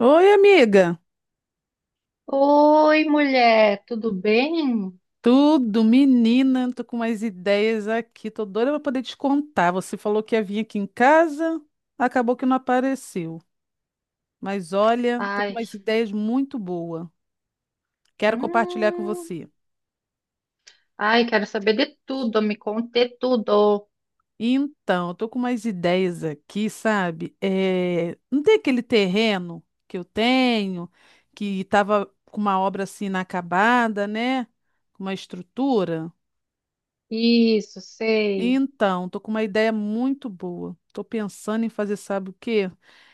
Oi, amiga. Oi, mulher, tudo bem? Tudo, menina. Tô com umas ideias aqui. Tô doida pra poder te contar. Você falou que ia vir aqui em casa, acabou que não apareceu. Mas olha, tô com Ai, umas ideias muito boas. Quero compartilhar com hum, você. ai, quero saber de tudo, me conte tudo. Então, eu tô com umas ideias aqui, sabe? É, não tem aquele terreno que eu tenho, que tava com uma obra assim inacabada, né? Com uma estrutura. Isso, sei. Então, tô com uma ideia muito boa. Tô pensando em fazer, sabe o quê?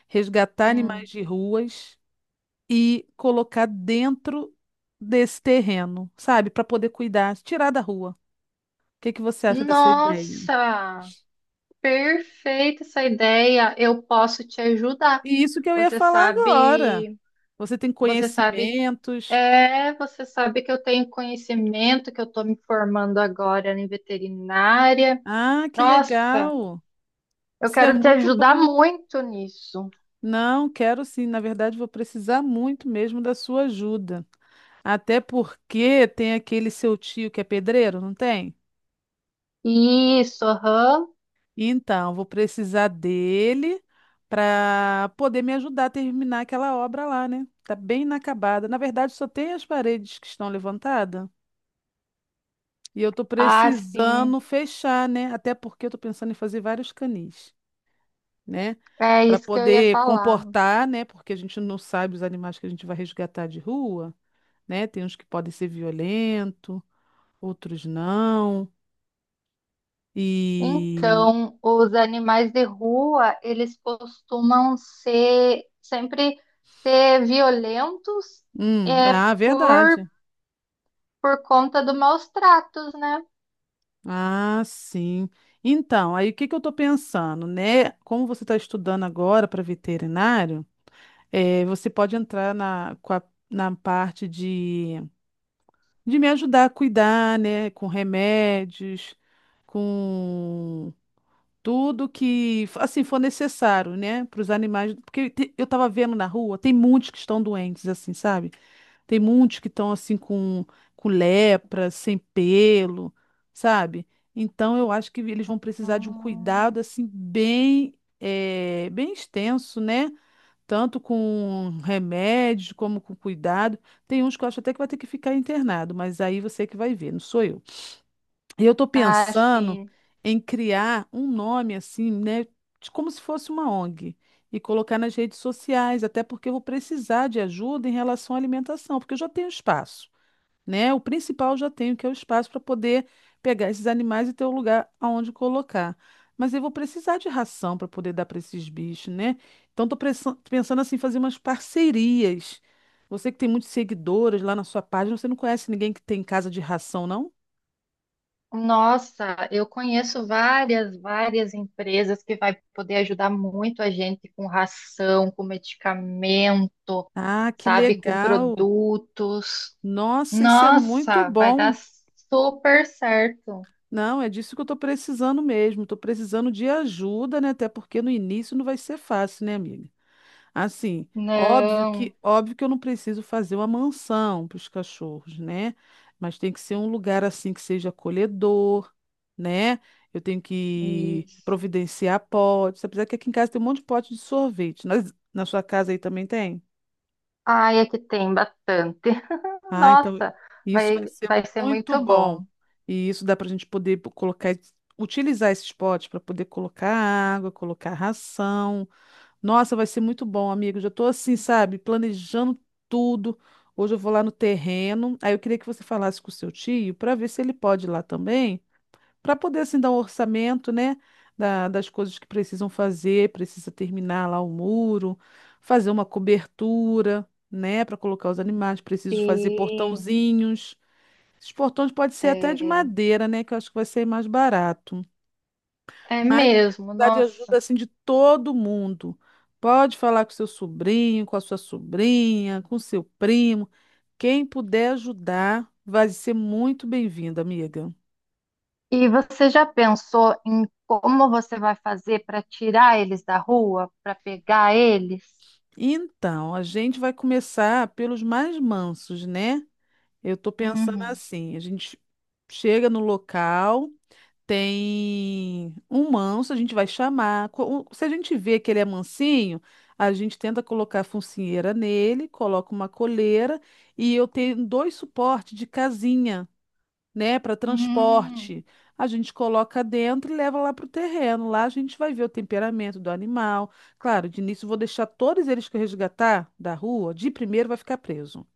Resgatar animais Hum. de ruas e colocar dentro desse terreno, sabe? Para poder cuidar, tirar da rua. O que você acha dessa ideia? Nossa, perfeita essa ideia. Eu posso te ajudar. E isso que eu ia Você falar agora. sabe, Você tem você sabe, conhecimentos. você sabe que eu tenho conhecimento, que eu estou me formando agora em veterinária. Ah, que Nossa, legal. eu Isso é quero te muito ajudar bom. muito nisso. Não, quero sim. Na verdade, vou precisar muito mesmo da sua ajuda. Até porque tem aquele seu tio que é pedreiro, não tem? Isso, aham. Então, vou precisar dele para poder me ajudar a terminar aquela obra lá, né? Tá bem inacabada. Na verdade, só tem as paredes que estão levantadas e eu tô Ah, sim. precisando fechar, né? Até porque eu tô pensando em fazer vários canis, né? É Para isso que eu ia poder falar. comportar, né? Porque a gente não sabe os animais que a gente vai resgatar de rua, né? Tem uns que podem ser violentos, outros não. E. Então, os animais de rua, eles costumam ser sempre ser violentos é ah, por verdade. por conta do maus tratos, né? Ah, sim. Então, aí o que eu estou pensando, né? Como você está estudando agora para veterinário, você pode entrar na, na parte de me ajudar a cuidar, né? Com remédios, com tudo que assim for necessário, né? Para os animais, porque eu estava vendo na rua, tem muitos que estão doentes, assim, sabe? Tem muitos que estão assim com lepra, sem pelo, sabe? Então eu acho que eles vão precisar de um Hum, cuidado assim bem, bem extenso, né? Tanto com remédio como com cuidado. Tem uns que eu acho até que vai ter que ficar internado, mas aí você que vai ver, não sou eu. E eu estou ah, pensando sim. em criar um nome assim, né, de como se fosse uma ONG e colocar nas redes sociais, até porque eu vou precisar de ajuda em relação à alimentação, porque eu já tenho espaço, né? O principal eu já tenho, que é o espaço para poder pegar esses animais e ter um lugar aonde colocar. Mas eu vou precisar de ração para poder dar para esses bichos, né? Então estou pensando assim, fazer umas parcerias. Você que tem muitos seguidores lá na sua página, você não conhece ninguém que tem casa de ração, não? Nossa, eu conheço várias, várias empresas que vai poder ajudar muito a gente com ração, com medicamento, Ah, que sabe, com legal! produtos. Nossa, isso é muito Nossa, vai bom, dar hein? super certo. Não, é disso que eu estou precisando mesmo. Estou precisando de ajuda, né? Até porque no início não vai ser fácil, né, amiga? Assim, Não, óbvio que eu não preciso fazer uma mansão para os cachorros, né? Mas tem que ser um lugar assim que seja acolhedor, né? Eu tenho que isso. providenciar potes, apesar que aqui em casa tem um monte de pote de sorvete. Na sua casa aí também tem? Ai, é que tem bastante. Ah, então Nossa, isso vai vai, ser vai ser muito muito bom. bom. E isso dá para a gente poder colocar, utilizar esses potes para poder colocar água, colocar ração. Nossa, vai ser muito bom, amigo. Já estou assim, sabe, planejando tudo. Hoje eu vou lá no terreno. Aí eu queria que você falasse com o seu tio para ver se ele pode ir lá também, para poder assim dar um orçamento, né, das coisas que precisam fazer, precisa terminar lá o muro, fazer uma cobertura, né, para colocar os animais, preciso fazer Sim, portãozinhos. Esses portões podem ser até de é, madeira, né, que eu acho que vai ser mais barato. é Mas eu mesmo, precisar de ajuda nossa. assim de todo mundo. Pode falar com seu sobrinho, com a sua sobrinha, com seu primo. Quem puder ajudar vai ser muito bem-vindo, amiga. E você já pensou em como você vai fazer para tirar eles da rua, para pegar eles? Então, a gente vai começar pelos mais mansos, né? Eu tô pensando Uhum. assim, a gente chega no local, tem um manso, a gente vai chamar. Se a gente vê que ele é mansinho, a gente tenta colocar a focinheira nele, coloca uma coleira e eu tenho dois suportes de casinha, né, para Hum, transporte. A gente coloca dentro e leva lá para o terreno. Lá a gente vai ver o temperamento do animal. Claro, de início eu vou deixar todos eles que eu resgatar da rua, de primeiro vai ficar preso,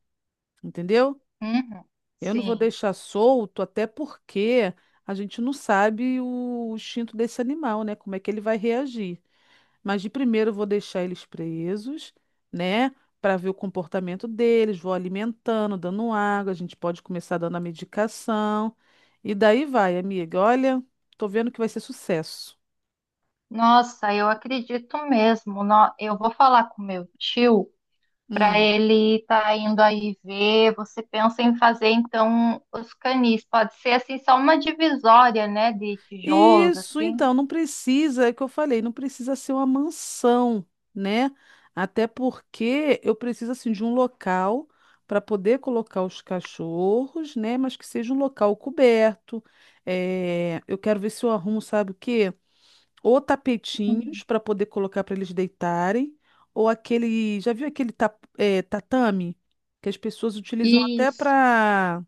entendeu? uhum. Eu não vou Sim. deixar solto, até porque a gente não sabe o instinto desse animal, né? Como é que ele vai reagir. Mas de primeiro eu vou deixar eles presos, né? Para ver o comportamento deles, vou alimentando, dando água, a gente pode começar dando a medicação. E daí vai, amiga. Olha, tô vendo que vai ser sucesso. Nossa, eu acredito mesmo. Eu vou falar com meu tio para Hum. ele estar indo aí ver. Você pensa em fazer então os canis? Pode ser assim só uma divisória, né, de tijolos Isso, assim. então, não precisa, é o que eu falei, não precisa ser uma mansão, né? Até porque eu preciso, assim, de um local para poder colocar os cachorros, né? Mas que seja um local coberto. É, eu quero ver se eu arrumo, sabe o quê? Ou Uhum. tapetinhos para poder colocar para eles deitarem, ou aquele, já viu aquele tatame que as pessoas utilizam até Isso.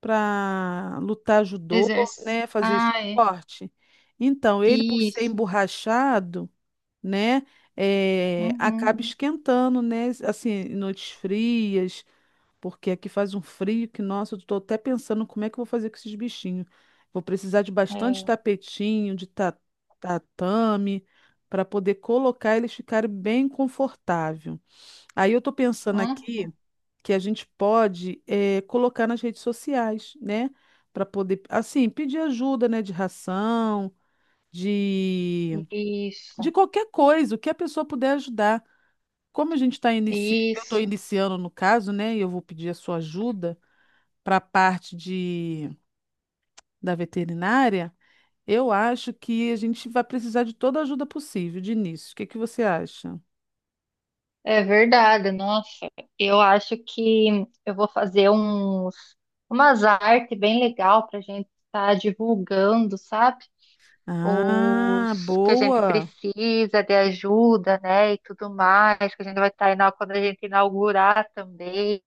para lutar judô, Exerce. né, fazer Ah, é. esporte. Então, ele por ser Isso. emborrachado, né, acaba Uhum. esquentando, né, assim, em noites frias, porque aqui faz um frio que, nossa, eu tô até pensando como é que eu vou fazer com esses bichinhos. Vou precisar de bastante É. tapetinho, tatame, para poder colocar eles ficarem bem confortável. Aí eu tô pensando Hum, aqui que a gente pode colocar nas redes sociais, né? Para poder, assim, pedir ajuda, né? De ração, de, de isso, qualquer coisa, o que a pessoa puder ajudar. Como a gente está iniciando, eu estou isso. iniciando no caso, né? E eu vou pedir a sua ajuda para a parte de, da veterinária, eu acho que a gente vai precisar de toda a ajuda possível de início. O que você acha? É verdade, nossa. Eu acho que eu vou fazer umas artes bem legal para a gente estar divulgando, sabe? Os Ah, que a gente boa! precisa de ajuda, né? E tudo mais, que a gente vai estar tá, quando a gente inaugurar também.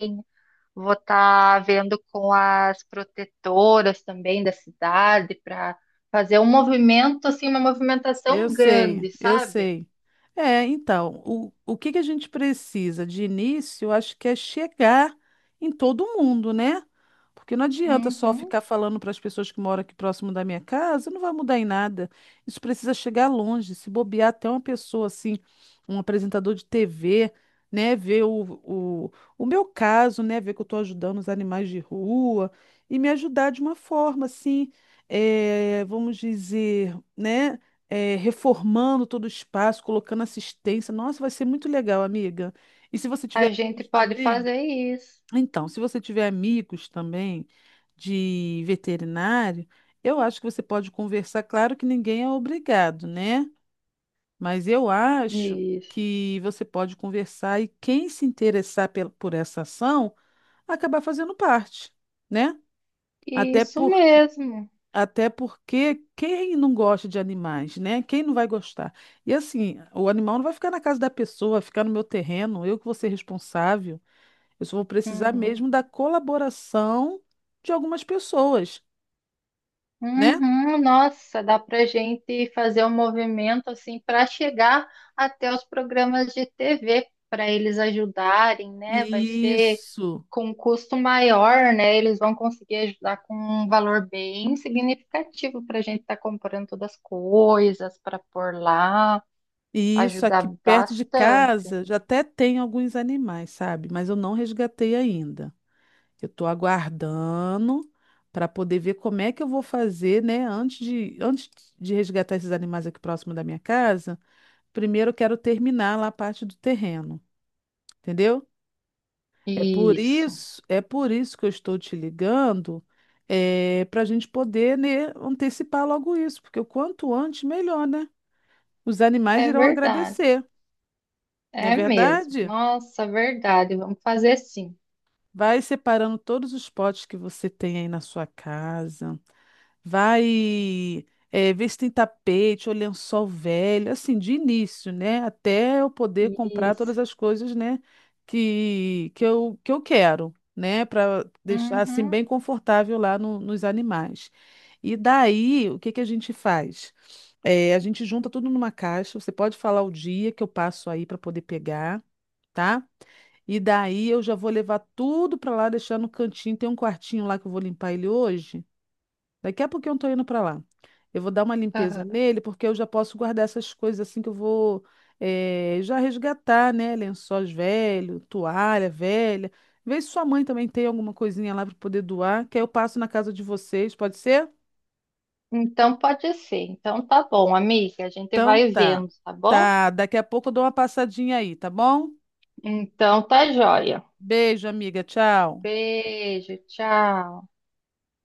Vou estar vendo com as protetoras também da cidade para fazer um movimento, assim, uma Eu movimentação sei, grande, eu sabe? sei. É, então, o que a gente precisa de início, eu acho que é chegar em todo mundo, né? Porque não adianta só Uhum. ficar falando para as pessoas que moram aqui próximo da minha casa, não vai mudar em nada. Isso precisa chegar longe, se bobear até uma pessoa assim, um apresentador de TV, né, ver o meu caso, né, ver que eu estou ajudando os animais de rua e me ajudar de uma forma assim, vamos dizer, né? Reformando todo o espaço, colocando assistência. Nossa, vai ser muito legal, amiga. E se você A tiver gente amigos pode também, fazer isso. então, se você tiver amigos também de veterinário, eu acho que você pode conversar. Claro que ninguém é obrigado, né? Mas eu acho Isso. que você pode conversar e quem se interessar por essa ação acabar fazendo parte, né? Até Isso porque mesmo. até porque quem não gosta de animais, né? Quem não vai gostar? E assim, o animal não vai ficar na casa da pessoa, vai ficar no meu terreno, eu que vou ser responsável. Eu só vou precisar Uhum. mesmo da colaboração de algumas pessoas, né? Uhum. Nossa, dá para a gente fazer um movimento assim para chegar até os programas de TV para eles ajudarem, né? Vai ser Isso. com um custo maior, né? Eles vão conseguir ajudar com um valor bem significativo para a gente estar comprando todas as coisas para pôr lá, E isso ajudar aqui perto de bastante. casa já até tem alguns animais, sabe? Mas eu não resgatei ainda. Eu estou aguardando para poder ver como é que eu vou fazer, né? Antes de resgatar esses animais aqui próximo da minha casa, primeiro eu quero terminar lá a parte do terreno, entendeu? Isso. É por isso que eu estou te ligando, para a gente poder, né, antecipar logo isso, porque o quanto antes, melhor, né? Os animais É irão verdade. agradecer, não é É mesmo. verdade? Nossa, verdade. Vamos fazer sim. Vai separando todos os potes que você tem aí na sua casa. vai Ver se tem tapete ou lençol velho, assim, de início, né? Até eu poder comprar todas Isso. as coisas, né, que eu quero, né, para deixar assim Uhum. bem confortável lá no- nos animais. E daí, o que a gente faz? A gente junta tudo numa caixa. Você pode falar o dia que eu passo aí para poder pegar, tá? E daí eu já vou levar tudo para lá, deixar no cantinho. Tem um quartinho lá que eu vou limpar ele hoje. Daqui a pouquinho eu tô indo para lá. Eu vou dar uma limpeza Aham. nele, porque eu já posso guardar essas coisas assim que eu vou já resgatar, né? Lençóis velho, toalha velha. Vê se sua mãe também tem alguma coisinha lá para poder doar, que aí eu passo na casa de vocês, pode ser? Então pode ser. Então tá bom, amiga. A gente Então vai tá. vendo, tá bom? Tá, daqui a pouco eu dou uma passadinha aí, tá bom? Então tá joia. Beijo, amiga. Tchau. Beijo, tchau.